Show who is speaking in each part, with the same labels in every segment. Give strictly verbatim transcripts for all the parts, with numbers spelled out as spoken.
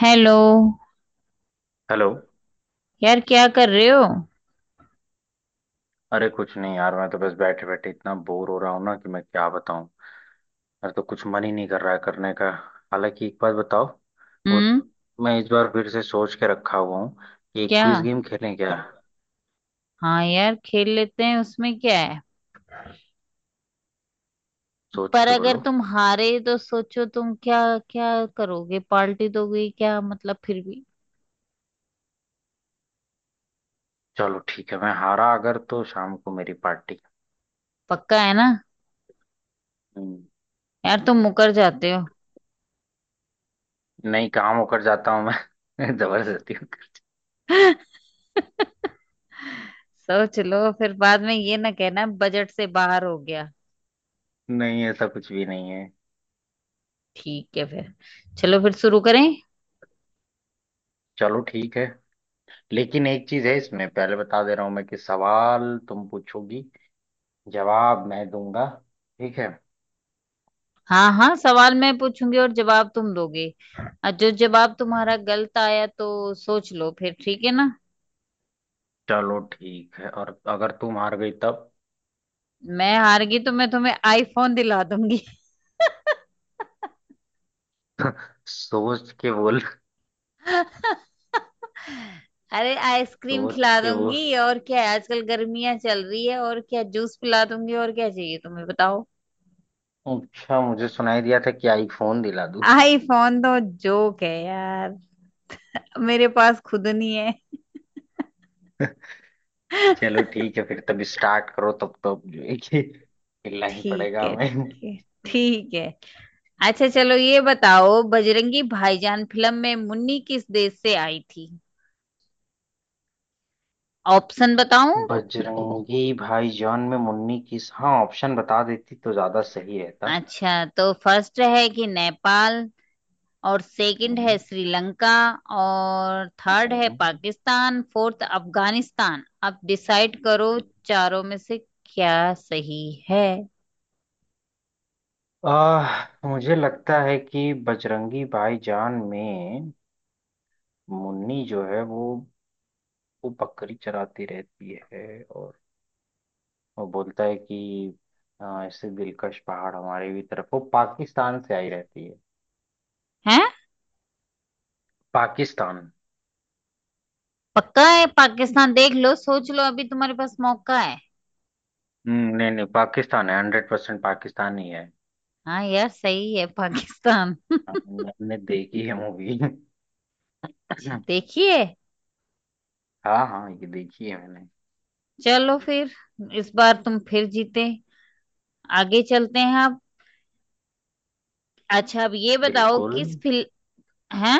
Speaker 1: Hello
Speaker 2: hello.
Speaker 1: यार, क्या कर रहे हो?
Speaker 2: अरे कुछ नहीं यार, मैं तो बस बैठे बैठे इतना बोर हो रहा हूँ ना कि मैं क्या बताऊँ। मेरा तो कुछ मन ही नहीं कर रहा है करने का। हालांकि एक बात बताओ। वो
Speaker 1: हम्म।
Speaker 2: मैं इस बार फिर से सोच के रखा हुआ हूँ कि एक
Speaker 1: क्या?
Speaker 2: क्विज गेम खेलें क्या?
Speaker 1: हाँ यार, खेल लेते हैं। उसमें क्या है?
Speaker 2: सोच
Speaker 1: पर
Speaker 2: के
Speaker 1: अगर
Speaker 2: बोलो।
Speaker 1: तुम हारे तो सोचो तुम क्या क्या करोगे, पार्टी दोगे क्या, मतलब फिर भी?
Speaker 2: चलो ठीक है, मैं हारा अगर तो शाम को मेरी पार्टी।
Speaker 1: पक्का है ना?
Speaker 2: हम्म।
Speaker 1: यार, तुम मुकर जाते हो।
Speaker 2: नहीं, काम होकर जाता हूँ मैं जबरदस्ती होकर।
Speaker 1: सोच लो, फिर बाद में ये ना कहना बजट से बाहर हो गया।
Speaker 2: नहीं, ऐसा कुछ भी नहीं है।
Speaker 1: ठीक है फिर। चलो फिर शुरू करें।
Speaker 2: चलो ठीक है। लेकिन एक चीज है, इसमें पहले बता दे रहा हूँ मैं कि सवाल तुम पूछोगी, जवाब मैं दूंगा। ठीक है?
Speaker 1: हाँ, हाँ, सवाल मैं पूछूंगी और जवाब तुम दोगे। और जो जवाब तुम्हारा गलत आया तो सोच लो फिर। ठीक है ना?
Speaker 2: चलो ठीक है, और अगर तू हार गई तब?
Speaker 1: मैं हार गई तो मैं तुम्हें आईफोन दिला दूंगी।
Speaker 2: सोच के बोल।
Speaker 1: अरे, आइसक्रीम
Speaker 2: सोच
Speaker 1: खिला
Speaker 2: के वो
Speaker 1: दूंगी और क्या है, आजकल गर्मियां चल रही है, और क्या जूस पिला दूंगी, और क्या चाहिए तुम्हें, बताओ।
Speaker 2: अच्छा, मुझे सुनाई दिया था कि आईफोन दिला दूं।
Speaker 1: आईफोन तो जोक है यार, मेरे पास खुद नहीं है।
Speaker 2: चलो ठीक है फिर, तब स्टार्ट करो, तब तो अब जो है कि खेलना ही
Speaker 1: ठीक
Speaker 2: पड़ेगा
Speaker 1: है,
Speaker 2: हमें।
Speaker 1: ठीक है, ठीक है। अच्छा, चलो ये बताओ, बजरंगी भाईजान फिल्म में मुन्नी किस देश से आई थी? ऑप्शन बताऊं?
Speaker 2: बजरंगी भाईजान में मुन्नी किस, हाँ ऑप्शन बता देती तो ज्यादा सही रहता।
Speaker 1: अच्छा, तो फर्स्ट है कि नेपाल, और सेकंड
Speaker 2: हम्म।
Speaker 1: है श्रीलंका, और थर्ड है
Speaker 2: हम्म।
Speaker 1: पाकिस्तान, फोर्थ अफगानिस्तान। अब डिसाइड करो, चारों में से क्या सही है?
Speaker 2: आह, मुझे लगता है कि बजरंगी भाईजान में मुन्नी जो है वो वो बकरी चराती रहती है, और वो बोलता है कि आ, ऐसे दिलकश पहाड़ हमारे भी तरफ, वो पाकिस्तान से आई रहती है।
Speaker 1: हैं?
Speaker 2: पाकिस्तान।
Speaker 1: पक्का है पाकिस्तान? देख लो, सोच लो, अभी तुम्हारे पास मौका है।
Speaker 2: हम्म, नहीं नहीं, पाकिस्तान है, हंड्रेड परसेंट पाकिस्तान ही है।
Speaker 1: हाँ यार, सही है पाकिस्तान।
Speaker 2: हाँ,
Speaker 1: अच्छा।
Speaker 2: मैंने देखी है मूवी।
Speaker 1: देखिए।
Speaker 2: हाँ हाँ, ये देखी है मैंने।
Speaker 1: चलो फिर, इस बार तुम फिर जीते। आगे चलते हैं आप। अच्छा, अब ये बताओ,
Speaker 2: बिल्कुल।
Speaker 1: किस फिल्म हैं?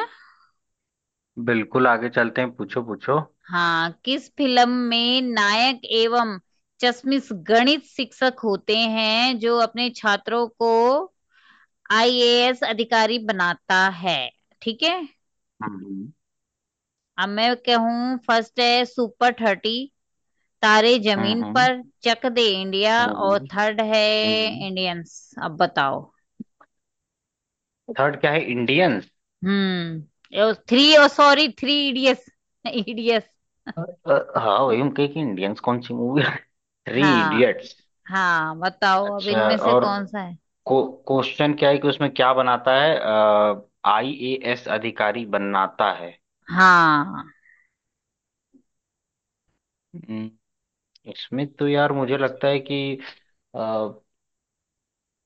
Speaker 2: बिल्कुल आगे चलते हैं, पूछो पूछो।
Speaker 1: हाँ, किस फिल्म में नायक एवं चश्मिश गणित शिक्षक होते हैं जो अपने छात्रों को आईएएस अधिकारी बनाता है? ठीक है?
Speaker 2: हम्म।
Speaker 1: अब मैं कहूँ, फर्स्ट है सुपर थर्टी, तारे जमीन
Speaker 2: हम्म।
Speaker 1: पर, चक दे इंडिया, और
Speaker 2: हम्म।
Speaker 1: थर्ड है
Speaker 2: हम्म।
Speaker 1: इंडियंस। अब बताओ।
Speaker 2: थर्ड क्या है, इंडियंस?
Speaker 1: हम्म, थ्री और सॉरी, थ्री इडियट्स, इडियट्स।
Speaker 2: अ, हाँ वही हम कहे कि इंडियंस कौन सी मूवी है। थ्री
Speaker 1: हाँ,
Speaker 2: इडियट्स।
Speaker 1: हाँ, बताओ अब
Speaker 2: अच्छा,
Speaker 1: इनमें से
Speaker 2: और
Speaker 1: कौन सा है।
Speaker 2: को क्वेश्चन क्या है कि उसमें क्या बनाता है, आई ए एस अधिकारी बनाता है।
Speaker 1: हाँ,
Speaker 2: हम्म, इसमें तो यार मुझे लगता है कि अ,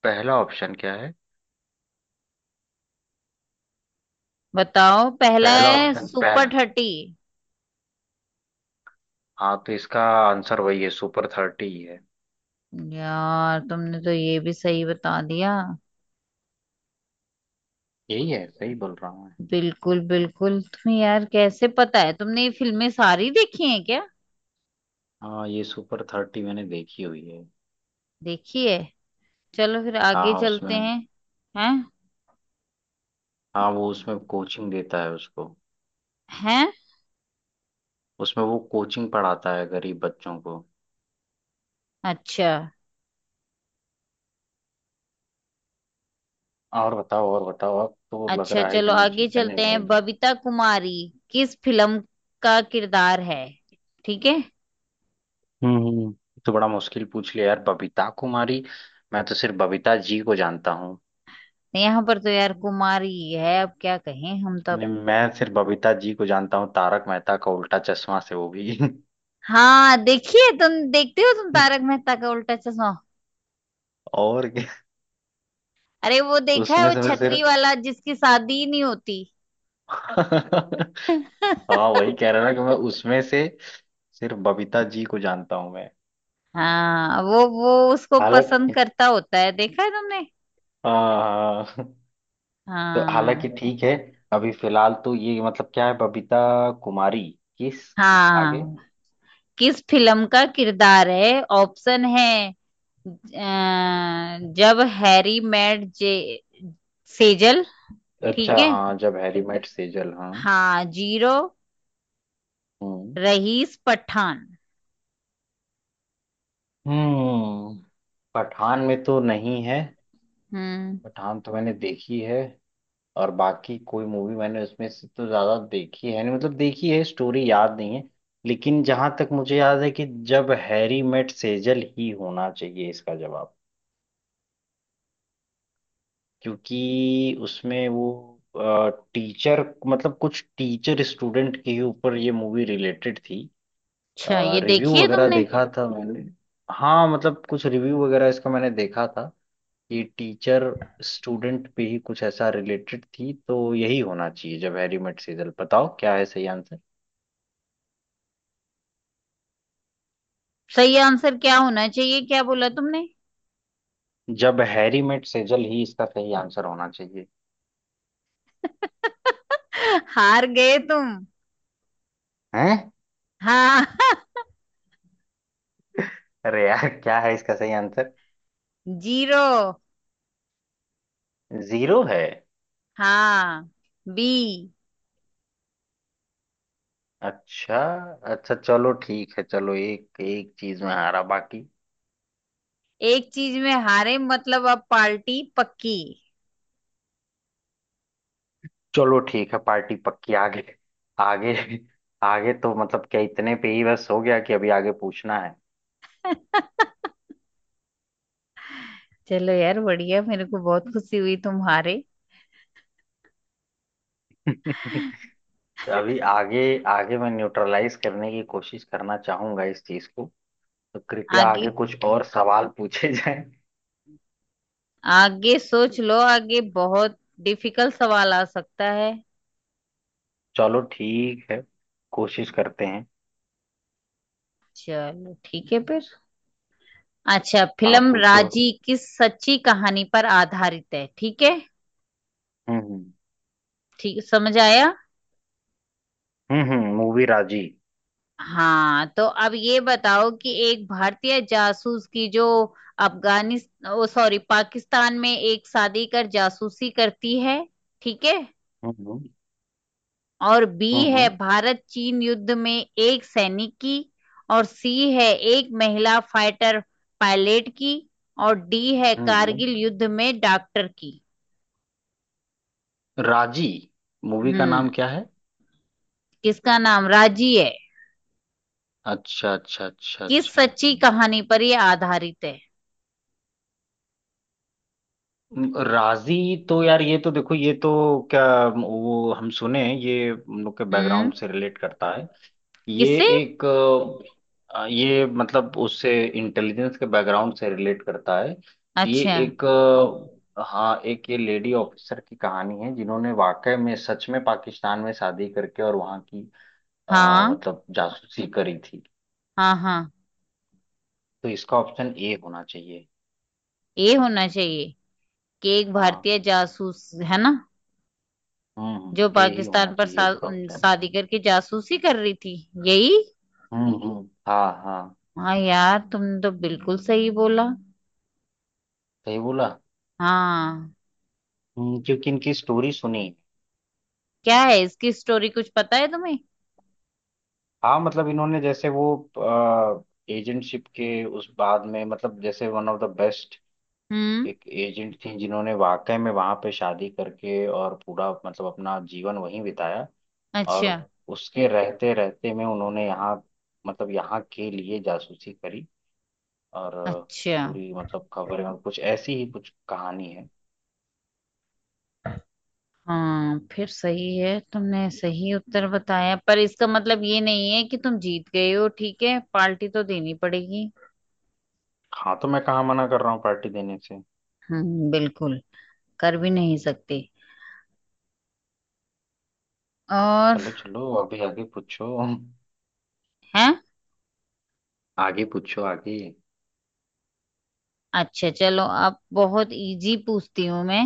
Speaker 2: पहला ऑप्शन क्या है,
Speaker 1: बताओ, पहला
Speaker 2: पहला
Speaker 1: है
Speaker 2: ऑप्शन
Speaker 1: सुपर
Speaker 2: पहला।
Speaker 1: थर्टी।
Speaker 2: हाँ, तो इसका आंसर वही है, सुपर थर्टी ही है।
Speaker 1: यार, तुमने तो ये भी सही बता दिया।
Speaker 2: यही है, सही बोल रहा हूँ मैं।
Speaker 1: बिल्कुल, बिल्कुल, तुम्हें यार कैसे पता है? तुमने ये फिल्में सारी देखी हैं क्या?
Speaker 2: हाँ, ये सुपर थर्टी मैंने देखी हुई है।
Speaker 1: देखी है। चलो फिर, आगे
Speaker 2: हाँ
Speaker 1: चलते
Speaker 2: उसमें,
Speaker 1: हैं। हैं?
Speaker 2: हाँ वो उसमें कोचिंग देता है उसको,
Speaker 1: हैं?
Speaker 2: उसमें वो कोचिंग पढ़ाता है गरीब बच्चों को।
Speaker 1: अच्छा।
Speaker 2: हाँ, और बताओ और बताओ, अब तो लग
Speaker 1: अच्छा,
Speaker 2: रहा है कि
Speaker 1: चलो,
Speaker 2: मैं
Speaker 1: आगे
Speaker 2: जीतने
Speaker 1: चलते
Speaker 2: नहीं
Speaker 1: हैं।
Speaker 2: दूंगा।
Speaker 1: बबीता कुमारी किस फिल्म का किरदार है? ठीक है?
Speaker 2: हम्म। तो बड़ा मुश्किल पूछ लिया यार, बबीता कुमारी। मैं तो सिर्फ बबीता जी को जानता हूँ।
Speaker 1: यहाँ पर तो यार कुमारी ही है, अब क्या कहें, हम तो अब-
Speaker 2: नहीं, मैं सिर्फ बबीता जी को जानता हूँ तारक मेहता का उल्टा चश्मा से, वो भी।
Speaker 1: हाँ, देखिए, तुम देखते हो तुम तारक मेहता का उल्टा चश्मा?
Speaker 2: और क्या?
Speaker 1: अरे, वो देखा है,
Speaker 2: उसमें
Speaker 1: वो
Speaker 2: से मैं
Speaker 1: छतरी
Speaker 2: सिर्फ
Speaker 1: वाला, जिसकी शादी ही नहीं होती।
Speaker 2: हाँ वही कह रहा ना कि मैं उसमें से सिर्फ बबीता जी को जानता हूँ मैं।
Speaker 1: हाँ, वो वो उसको पसंद
Speaker 2: हालांकि,
Speaker 1: करता होता है, देखा है तुमने?
Speaker 2: हाँ हाँ। तो हालांकि
Speaker 1: हाँ,
Speaker 2: ठीक है। अभी फिलहाल तो ये मतलब क्या है, बबीता कुमारी किस कि, आगे?
Speaker 1: हाँ, किस फिल्म का किरदार है? ऑप्शन है, अ, जब हैरी मेट जे सेजल।
Speaker 2: अच्छा,
Speaker 1: ठीक है?
Speaker 2: हाँ जब हैरी मेट सेजल, हाँ।
Speaker 1: हाँ, जीरो,
Speaker 2: हम्म।
Speaker 1: रईस, पठान।
Speaker 2: हम्म। पठान में तो नहीं है,
Speaker 1: हम्म।
Speaker 2: पठान तो मैंने देखी है, और बाकी कोई मूवी मैंने उसमें से तो ज्यादा देखी है नहीं, मतलब देखी है स्टोरी याद नहीं है। लेकिन जहां तक मुझे याद है कि जब हैरी मेट सेजल ही होना चाहिए इसका जवाब, क्योंकि उसमें वो टीचर, मतलब कुछ टीचर स्टूडेंट के ऊपर ये मूवी रिलेटेड थी,
Speaker 1: अच्छा, ये
Speaker 2: रिव्यू
Speaker 1: देखिए
Speaker 2: वगैरह
Speaker 1: तुमने।
Speaker 2: देखा था मैंने। हाँ मतलब कुछ रिव्यू वगैरह इसका मैंने देखा था कि टीचर स्टूडेंट पे ही कुछ ऐसा रिलेटेड थी, तो यही होना चाहिए, जब हैरी मेट सेजल। बताओ क्या है सही आंसर।
Speaker 1: सही आंसर क्या होना चाहिए? क्या बोला तुमने?
Speaker 2: जब हैरी मेट सेजल ही इसका सही आंसर होना चाहिए।
Speaker 1: हार गए तुम।
Speaker 2: हैं?
Speaker 1: हाँ।
Speaker 2: अरे यार, क्या है इसका सही आंसर?
Speaker 1: जीरो।
Speaker 2: जीरो है?
Speaker 1: हाँ। बी।
Speaker 2: अच्छा। अच्छा चलो ठीक है, चलो एक एक चीज में हारा बाकी।
Speaker 1: एक चीज में हारे मतलब, अब पार्टी पक्की।
Speaker 2: चलो ठीक है, पार्टी पक्की, आगे, आगे। आगे तो मतलब क्या, इतने पे ही बस हो गया कि अभी आगे पूछना है?
Speaker 1: चलो यार, बढ़िया, मेरे को बहुत खुशी हुई तुम हारे।
Speaker 2: अभी आगे, आगे मैं न्यूट्रलाइज करने की कोशिश करना चाहूंगा इस चीज को, तो कृपया
Speaker 1: आगे,
Speaker 2: आगे कुछ और सवाल पूछे जाएं।
Speaker 1: आगे सोच लो, आगे बहुत डिफिकल्ट सवाल आ सकता है।
Speaker 2: चलो ठीक है, कोशिश करते हैं।
Speaker 1: चलो ठीक है फिर। अच्छा,
Speaker 2: आप
Speaker 1: फिल्म
Speaker 2: पूछो।
Speaker 1: राजी किस सच्ची कहानी पर आधारित है? ठीक है?
Speaker 2: हम्म।
Speaker 1: ठीक, समझ आया।
Speaker 2: हम्म हम्म मूवी राजी।
Speaker 1: हाँ, तो अब ये बताओ, कि एक भारतीय जासूस की, जो अफगानिस्तान, ओ सॉरी, पाकिस्तान में एक शादी कर जासूसी करती है, ठीक है?
Speaker 2: हम्म
Speaker 1: और
Speaker 2: हम्म।
Speaker 1: बी है
Speaker 2: हम्म
Speaker 1: भारत चीन युद्ध में एक सैनिक की, और सी है एक महिला फाइटर पायलट की, और डी है
Speaker 2: हम्म। हम्म।
Speaker 1: कारगिल युद्ध में डॉक्टर की।
Speaker 2: राजी मूवी का नाम
Speaker 1: हम्म,
Speaker 2: क्या है?
Speaker 1: किसका नाम राजी है?
Speaker 2: अच्छा अच्छा अच्छा
Speaker 1: किस
Speaker 2: अच्छा।
Speaker 1: सच्ची कहानी पर यह आधारित है?
Speaker 2: म, राजी तो यार, ये तो देखो, ये तो क्या, वो हम सुने ये हम लोग के
Speaker 1: हम्म,
Speaker 2: बैकग्राउंड से रिलेट करता है, ये
Speaker 1: किससे?
Speaker 2: एक अ, ये मतलब उससे इंटेलिजेंस के बैकग्राउंड से रिलेट करता है। ये
Speaker 1: अच्छा,
Speaker 2: एक अ, हाँ, एक ये लेडी ऑफिसर की कहानी है जिन्होंने वाकई में सच में पाकिस्तान में शादी करके और वहाँ की अ,
Speaker 1: हाँ,
Speaker 2: मतलब जासूसी करी थी।
Speaker 1: हाँ, हाँ,
Speaker 2: तो इसका ऑप्शन ए होना चाहिए।
Speaker 1: ये होना चाहिए, कि एक
Speaker 2: हाँ।
Speaker 1: भारतीय जासूस है ना,
Speaker 2: हम्म हम्म,
Speaker 1: जो
Speaker 2: ए ही होना
Speaker 1: पाकिस्तान पर
Speaker 2: चाहिए
Speaker 1: सा,
Speaker 2: इसका ऑप्शन।
Speaker 1: शादी करके जासूसी कर रही थी, यही।
Speaker 2: हम्म हम्म, हाँ हाँ,
Speaker 1: हाँ यार, तुमने तो बिल्कुल सही बोला।
Speaker 2: सही बोला।
Speaker 1: हाँ।
Speaker 2: हम्म, क्योंकि इनकी स्टोरी सुनी।
Speaker 1: क्या है इसकी स्टोरी, कुछ पता है तुम्हें?
Speaker 2: हाँ, मतलब इन्होंने जैसे वो एजेंटशिप के उस बाद में, मतलब जैसे वन ऑफ द बेस्ट
Speaker 1: हम्म।
Speaker 2: एक एजेंट थी जिन्होंने वाकई में वहां पे शादी करके और पूरा मतलब अपना जीवन वहीं बिताया, और
Speaker 1: अच्छा,
Speaker 2: उसके रहते रहते में उन्होंने यहाँ, मतलब यहाँ के लिए जासूसी करी, और अ,
Speaker 1: अच्छा।
Speaker 2: पूरी मतलब खबर है, कुछ ऐसी ही कुछ कहानी है।
Speaker 1: हाँ, फिर सही है, तुमने सही उत्तर बताया, पर इसका मतलब ये नहीं है कि तुम जीत गए हो। ठीक है, पार्टी तो देनी पड़ेगी।
Speaker 2: हाँ, तो मैं कहाँ मना कर रहा हूँ पार्टी देने से।
Speaker 1: हम्म, बिल्कुल, कर भी नहीं सकते। और?
Speaker 2: चलो चलो, अभी आगे पूछो,
Speaker 1: है?
Speaker 2: आगे पूछो, आगे।
Speaker 1: अच्छा चलो, अब बहुत इजी पूछती हूँ मैं।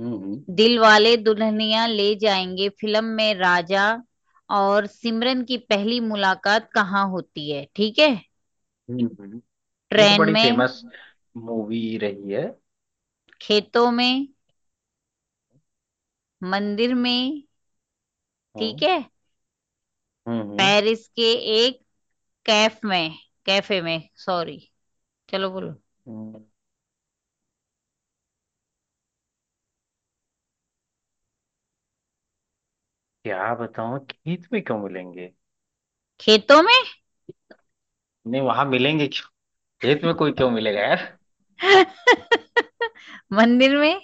Speaker 2: हम्म। हम्म।
Speaker 1: दिल वाले दुल्हनिया ले जाएंगे फिल्म में राजा और सिमरन की पहली मुलाकात कहाँ होती है? ठीक है?
Speaker 2: हम्म। हम्म। ये तो
Speaker 1: ट्रेन
Speaker 2: बड़ी
Speaker 1: में,
Speaker 2: फेमस मूवी रही है।
Speaker 1: खेतों में, मंदिर में, ठीक
Speaker 2: हम्म।
Speaker 1: है?
Speaker 2: हम्म। हम्म।
Speaker 1: पेरिस के एक कैफ में, कैफे में सॉरी। चलो, बोलो।
Speaker 2: हम्म। क्या बताऊँ, खेत में क्यों मिलेंगे,
Speaker 1: खेतों में,
Speaker 2: नहीं वहां मिलेंगे क्यों, खेत में कोई क्यों मिलेगा यार,
Speaker 1: मंदिर में,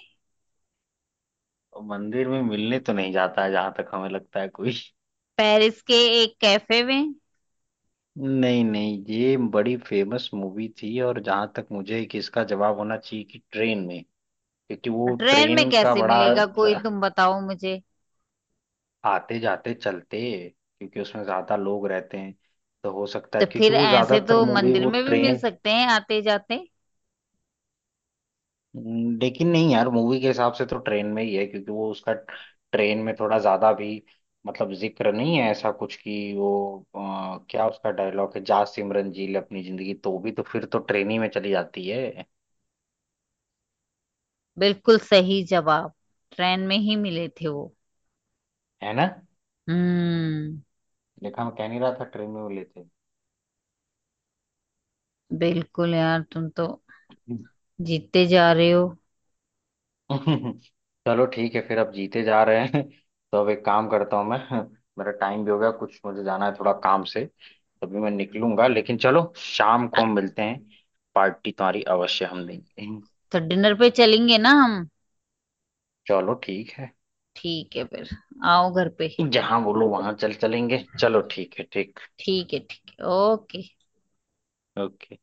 Speaker 2: और मंदिर में मिलने तो नहीं जाता है जहां तक हमें लगता है कोई।
Speaker 1: पेरिस के एक कैफे में।
Speaker 2: नहीं नहीं, ये बड़ी फेमस मूवी थी, और जहां तक मुझे कि इसका जवाब होना चाहिए कि ट्रेन में, क्योंकि वो
Speaker 1: ट्रेन में
Speaker 2: ट्रेन का
Speaker 1: कैसे
Speaker 2: बड़ा
Speaker 1: मिलेगा कोई, तुम बताओ मुझे।
Speaker 2: आते जाते चलते, क्योंकि उसमें ज्यादा लोग रहते हैं, तो हो सकता है
Speaker 1: तो
Speaker 2: क्योंकि
Speaker 1: फिर
Speaker 2: वो
Speaker 1: ऐसे
Speaker 2: ज्यादातर
Speaker 1: तो
Speaker 2: मूवी
Speaker 1: मंदिर
Speaker 2: वो
Speaker 1: में भी मिल
Speaker 2: ट्रेन,
Speaker 1: सकते हैं, आते जाते।
Speaker 2: लेकिन नहीं यार मूवी के हिसाब से तो ट्रेन में ही है, क्योंकि वो उसका ट्रेन में थोड़ा ज्यादा भी मतलब जिक्र नहीं है ऐसा कुछ कि वो अ, क्या उसका डायलॉग है जा सिमरन जी ले अपनी जिंदगी, तो भी तो फिर तो ट्रेन ही में चली जाती है।
Speaker 1: बिल्कुल सही जवाब, ट्रेन में ही मिले थे वो।
Speaker 2: है ना?
Speaker 1: हम्म,
Speaker 2: देखा, मैं कह नहीं रहा था ट्रेन में वो लेते
Speaker 1: बिल्कुल यार, तुम तो
Speaker 2: हैं।
Speaker 1: जीतते जा रहे हो।
Speaker 2: चलो ठीक है फिर, अब जीते जा रहे हैं। तो अब एक काम करता हूँ मैं। मेरा टाइम भी हो गया कुछ, मुझे जाना है थोड़ा काम से, तभी मैं निकलूंगा, लेकिन चलो शाम को
Speaker 1: अ-
Speaker 2: हम मिलते हैं, पार्टी तुम्हारी अवश्य हम देंगे।
Speaker 1: तो डिनर पे चलेंगे ना हम?
Speaker 2: चलो ठीक है।
Speaker 1: ठीक है फिर, आओ घर पे।
Speaker 2: जहाँ बोलो वहां चल चलेंगे, चलो ठीक है, ठीक।
Speaker 1: ठीक है, ठीक है, ओके।
Speaker 2: ओके।